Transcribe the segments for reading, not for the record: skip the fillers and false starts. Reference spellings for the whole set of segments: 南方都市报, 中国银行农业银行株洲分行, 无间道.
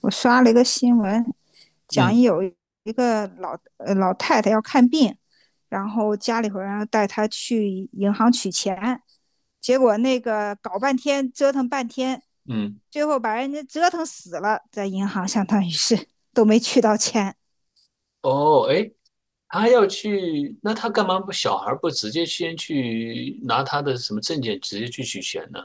我刷了一个新闻，讲嗯有一个老太太要看病，然后家里头人带她去银行取钱，结果那个搞半天折腾半天，嗯，最后把人家折腾死了，在银行相当于是都没取到钱。哦，哎，他要去，那他干嘛不小孩儿不直接先去拿他的什么证件直接去取钱呢？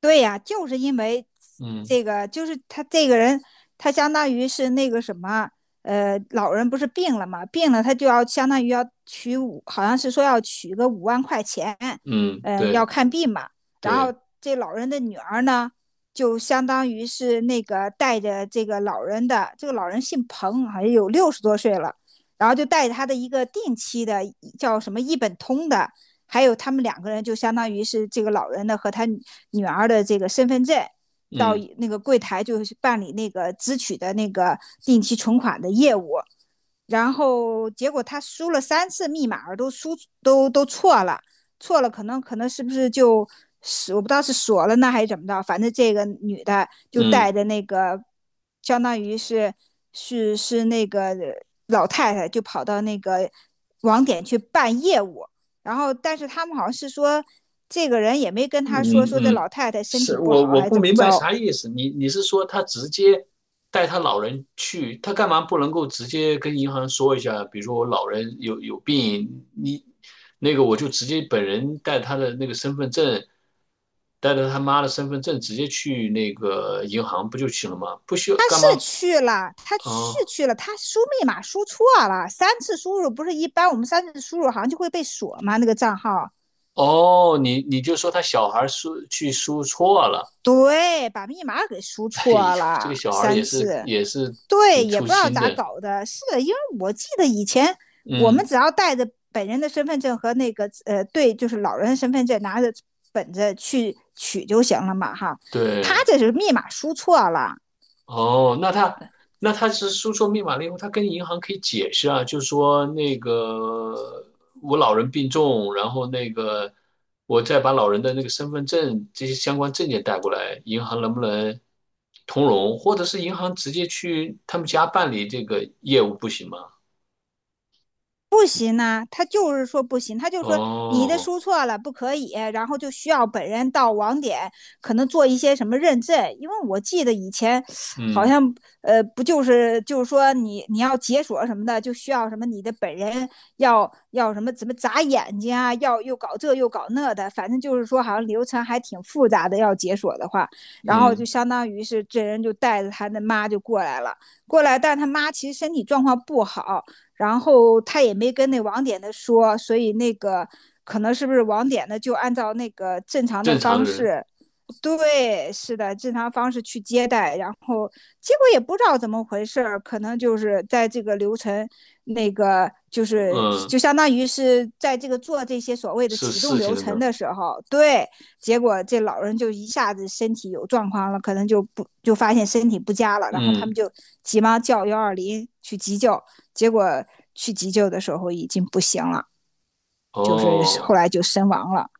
对呀，就是因为嗯这个，就是他这个人，他相当于是那个什么，老人不是病了嘛，病了他就要相当于要取五，好像是说要取个五万块钱，嗯，嗯、要对看病嘛。然后对，这老人的女儿呢，就相当于是那个带着这个老人的，这个老人姓彭，好像有60多岁了，然后就带着他的一个定期的叫什么一本通的，还有他们2个人就相当于是这个老人的和他女儿的这个身份证，到嗯那个柜台就是办理那个支取的那个定期存款的业务。然后结果他输了三次密码都输都错了，错了可能是不是就是我不知道是锁了呢还是怎么着，反正这个女的就嗯带着那个相当于是是那个老太太就跑到那个网点去办业务，然后但是他们好像是说这个人也没跟他说嗯说这嗯，老太太身体是不我好我还不怎么明白着，啥意思。你是说他直接带他老人去，他干嘛不能够直接跟银行说一下？比如说我老人有病，你那个我就直接本人带他的那个身份证。带着他妈的身份证直接去那个银行不就行了吗？不需要他干是嘛？去了，他是哦去了，他输密码输错了，三次输入不是一般我们三次输入好像就会被锁吗？那个账号，哦，你就说他小孩输错了。对，把密码给输 哎错呦，这个了小孩也三是次，也是对，挺也粗不知道心咋的。搞的，是因为我记得以前我们嗯，只要带着本人的身份证和那个对，就是老人身份证拿着本子去取就行了嘛，哈，他对。这是密码输错了，哦，那他是输错密码了以后，他跟银行可以解释啊，就说那个我老人病重，然后那个我再把老人的那个身份证这些相关证件带过来，银行能不能通融，或者是银行直接去他们家办理这个业务不行吗？不行呐、他就是说不行，他就说你的哦，输错了，不可以，然后就需要本人到网点，可能做一些什么认证，因为我记得以前好嗯像不就是就是说你你要解锁什么的，就需要什么你的本人要要什么怎么眨眼睛啊，要又搞这又搞那的，反正就是说好像流程还挺复杂的，要解锁的话，然后就嗯，相当于是这人就带着他的妈就过来了，过来，但他妈其实身体状况不好。然后他也没跟那网点的说，所以那个可能是不是网点的就按照那个正常的正常方人，式，对，是的，正常方式去接待，然后结果也不知道怎么回事儿，可能就是在这个流程那个就是嗯，就相当于是在这个做这些所谓的是启动事情流了没程有？的时候，对，结果这老人就一下子身体有状况了，可能就不就发现身体不佳了，然后他们嗯，就急忙叫120去急救，结果去急救的时候已经不行了，就是后哦。来就身亡了。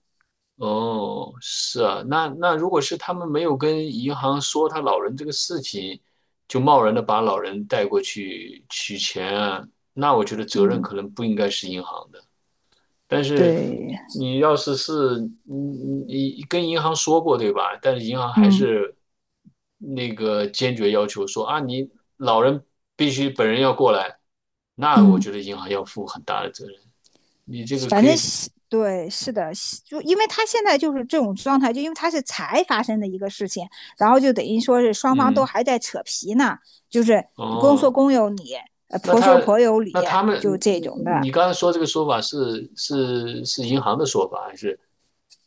哦，是啊，那如果是他们没有跟银行说他老人这个事情，就贸然的把老人带过去取钱啊，那我觉得责任嗯，可能不应该是银行的。但是对，你要是你跟银行说过对吧？但是银行还嗯是那个坚决要求说啊，你老人必须本人要过来，那我嗯，觉得银行要负很大的责任。你这个反可正以，是对，是的，就因为他现在就是这种状态，就因为他是才发生的一个事情，然后就等于说是双方都嗯，还在扯皮呢，就是公说哦，公有理，那婆说他婆有理，那他就们，这种你的。你刚才说这个说法是银行的说法，还是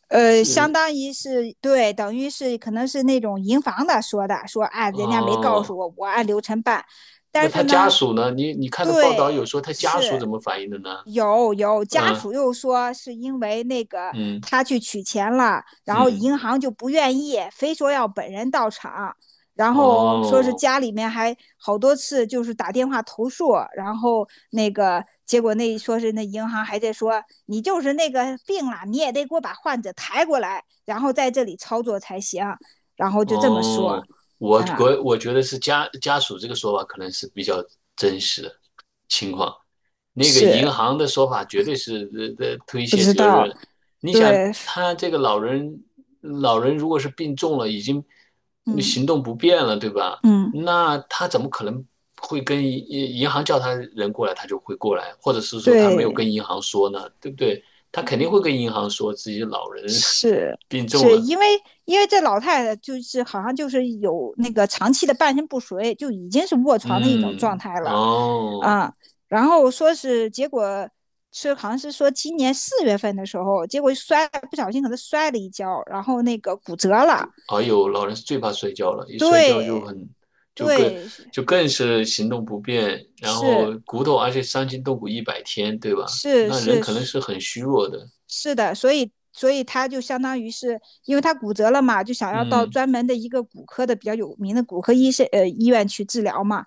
相是当于是对，等于是可能是那种银行的说的，说啊，人家没告哦？诉我，我按流程办。那但他是家呢，属呢？你看的报道有对，说他家属是怎么反应的呢？有有家嗯属又说是因为那个嗯他去取钱了，然后嗯，银行就不愿意，非说要本人到场。然后说是哦。家里面还好多次就是打电话投诉，然后那个结果那说是那银行还在说你就是那个病了，你也得给我把患者抬过来，然后在这里操作才行，然后就这么说啊、哦，我嗯我我觉得是家属这个说法可能是比较真实的情况，那个是银行的说法绝对是推不卸知责道，任。你想，对，他这个老人如果是病重了，已经嗯行动不便了，对吧？嗯，那他怎么可能会跟银行叫他人过来，他就会过来，或者是说他没有对跟银行说呢，对不对？他肯定对，会跟银行说自己老人 是 病重是了。因为因为这老太太就是好像就是有那个长期的半身不遂，就已经是卧床的一种状嗯，态了，哦，啊、嗯然后说是结果是好像是说今年4月份的时候，结果摔不小心可能摔了一跤，然后那个骨折了，哎呦，老人是最怕摔跤了，一摔跤就对很，就更对是就更是行动不便，然后骨头，而且伤筋动骨一百天，对吧？是那人是可能是是很虚弱的。是的，所以所以他就相当于是，因为他骨折了嘛，就想要到嗯，专门的一个骨科的比较有名的骨科医生医院去治疗嘛。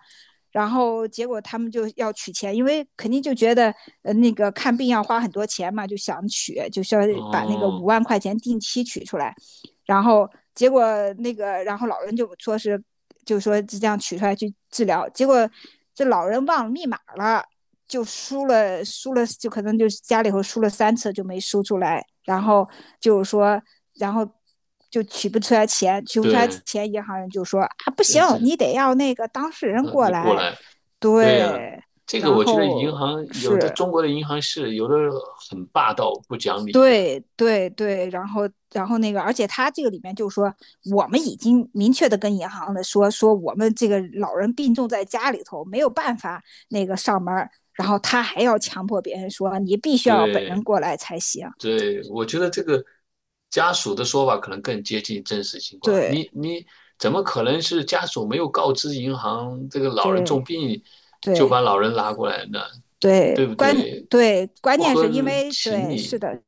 然后结果他们就要取钱，因为肯定就觉得那个看病要花很多钱嘛，就想取，就需要把那个五哦，万块钱定期取出来。然后结果那个，然后老人就说是，就说这样取出来去治疗，结果这老人忘了密码了，就输了，输了就可能就家里头输了三次就没输出来，然后就是说，然后就取不出来钱，取不出来对，钱，银行人就说啊不对行，这你得要那个当事人那过就过来，来，对呀、对，这个然我觉得银后行有的是中国的银行是有的很霸道不讲理的，对对对，然后然后那个，而且他这个里面就说，我们已经明确的跟银行的说，说我们这个老人病重在家里头，没有办法那个上门儿，然后他还要强迫别人说，你必须要本人对，过来才行。对，我觉得这个家属的说法可能更接近真实情况。对你怎么可能是家属没有告知银行这个老人对重病，就对把老人拉过来呢？对对，不关对？对关不键合是因为情对是理。的，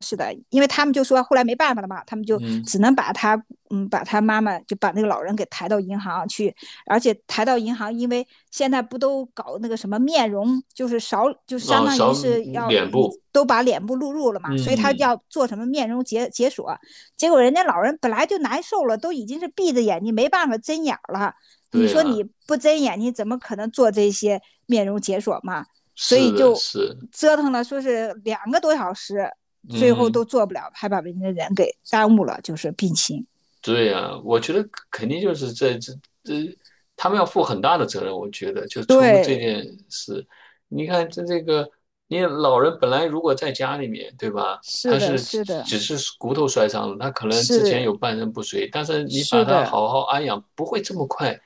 是的，因为他们就说后来没办法了嘛，他们就嗯，只能把他，嗯，把他妈妈就把那个老人给抬到银行去，而且抬到银行，因为现在不都搞那个什么面容，就是少，就是相哦，当扫于是要脸以部。都把脸部录入了嘛，所以他嗯，要做什么面容解锁，结果人家老人本来就难受了，都已经是闭着眼睛没办法睁眼了，你对说啊，你不睁眼，睛，怎么可能做这些面容解锁嘛？所是以的，就是，折腾了，说是2个多小时，最后都嗯。做不了，还把人家人给耽误了，就是病情。对呀，我觉得肯定就是这，他们要负很大的责任。我觉得，就从这对，件事，你看这个，你老人本来如果在家里面，对吧？是他的，是是的，只是骨头摔伤了，他可能之前是有半身不遂，但是你是把他的，好好安养，不会这么快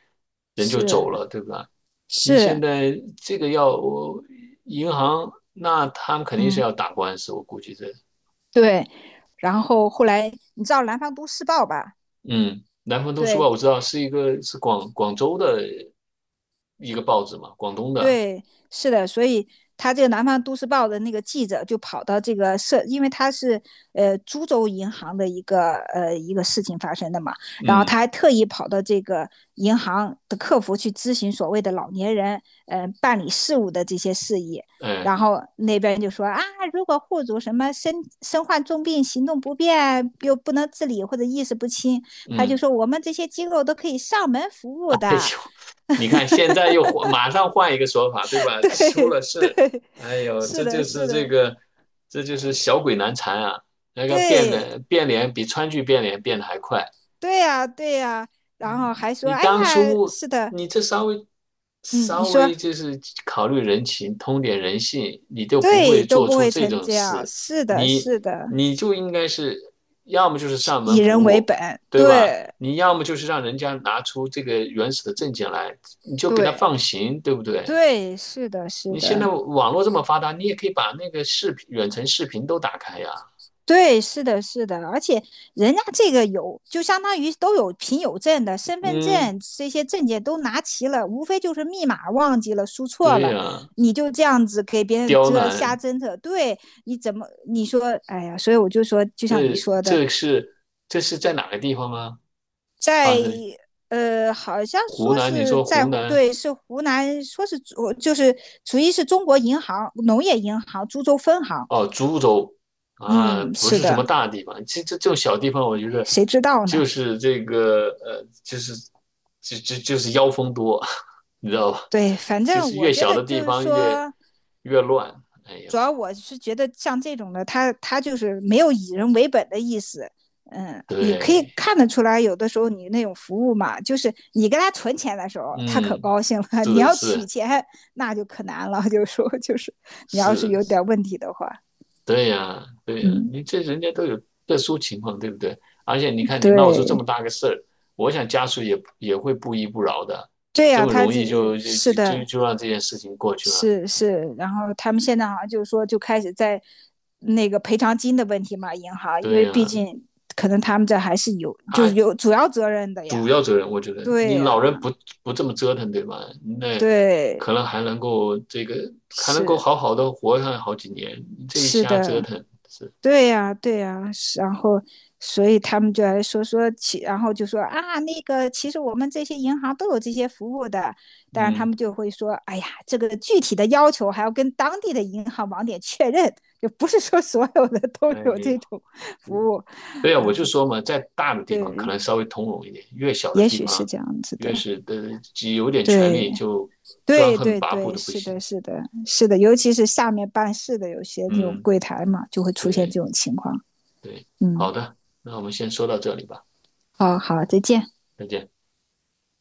人就走是了，对吧？你现是，在这个要我银行，那他们肯定是嗯，要打官司，我估计这。对。然后后来你知道《南方都市报》吧？嗯，南方都市报对，我知道是一个是广州的一个报纸嘛，广东的，对，是的，所以他这个《南方都市报》的那个记者就跑到这个社，因为他是株洲银行的一个一个事情发生的嘛，然后他嗯，还特意跑到这个银行的客服去咨询所谓的老年人办理事务的这些事宜，哎，然后那边就说啊，如果户主什么身患重病、行动不便又不能自理或者意识不清，他就嗯，说我 们这些机构都可以上门服哎务呦，的。你看现在又换，马上换一个说法，对吧？出对，了事，哎 呦，是这就的，是是这的。个，这就是小鬼难缠啊！那个变对脸变脸比川剧变脸变得还快。对呀，对呀，然后还说，你哎当呀，初是的，你这稍微嗯，你稍微说就是考虑人情，通点人性，你就不对，会都做不出会这成种这样，事。是的，你是的，你就应该是要么就是上以门服人为务，本，对吧？对你要么就是让人家拿出这个原始的证件来，你就给他对放行，对不对？对，是的，是你现的，在网络这么发达，你也可以把那个视频、远程视频都打开呀。对，是的，是的，而且人家这个有，就相当于都有凭有证的，身份嗯，证这些证件都拿齐了，无非就是密码忘记了，输错对了，呀，你就这样子给别人刁遮瞎难，侦测，对，你怎么你说，哎呀，所以我就说，就像你这说的。这是这是在哪个地方啊？发在生？好像湖说南，你是说在湖南对，是湖南，说是主就是属于是中国银行农业银行株洲分行。哦，株洲啊，嗯，不是是什的，么大地方，这种小地方，我觉得谁知道呢？就是这个就是妖风多，你知道吧？对，反就正是我越觉小得的地就是方越说，越乱。哎呦，主要我是觉得像这种的，他就是没有以人为本的意思。嗯，你可以对，看得出来，有的时候你那种服务嘛，就是你给他存钱的时候，他可嗯，高兴了；是你的，要取是钱，那就可难了。就说就是，你要是是，有点问题的话，对呀，对呀，嗯，你这人家都有特殊情况，对不对？而且你看，你闹出这对，么大个事儿，我想家属也会不依不饶的，对这呀、啊么他容这易就就是就就的，就让这件事情过去了。是是，然后他们现在好像就是说就开始在那个赔偿金的问题嘛，银行，因对为毕呀，竟可能他们这还是有就是他有主要责任的主呀，要责任，我觉得你对老人呀、不这么折腾，对吧？那可对，能还能够这个还能够是好好的活上好几年，你这一是瞎折的，腾是，对呀，对呀，是然后，所以他们就来说说其，然后就说啊，那个其实我们这些银行都有这些服务的，但是他嗯，们就会说，哎呀，这个具体的要求还要跟当地的银行网点确认，就不是说所有的都哎有这呀。种服务。对啊，我就嗯，说嘛，在大的地方可对，能稍微通融一点，越小的也地许是方这样子越的。是的，只有点权对，利就专对，横对，跋扈对，的不是的，行。是的，是的，尤其是下面办事的有些那种嗯，柜台嘛，就会出现对这种情况。对，好嗯，的，那我们先说到这里吧，好好，再见。再见。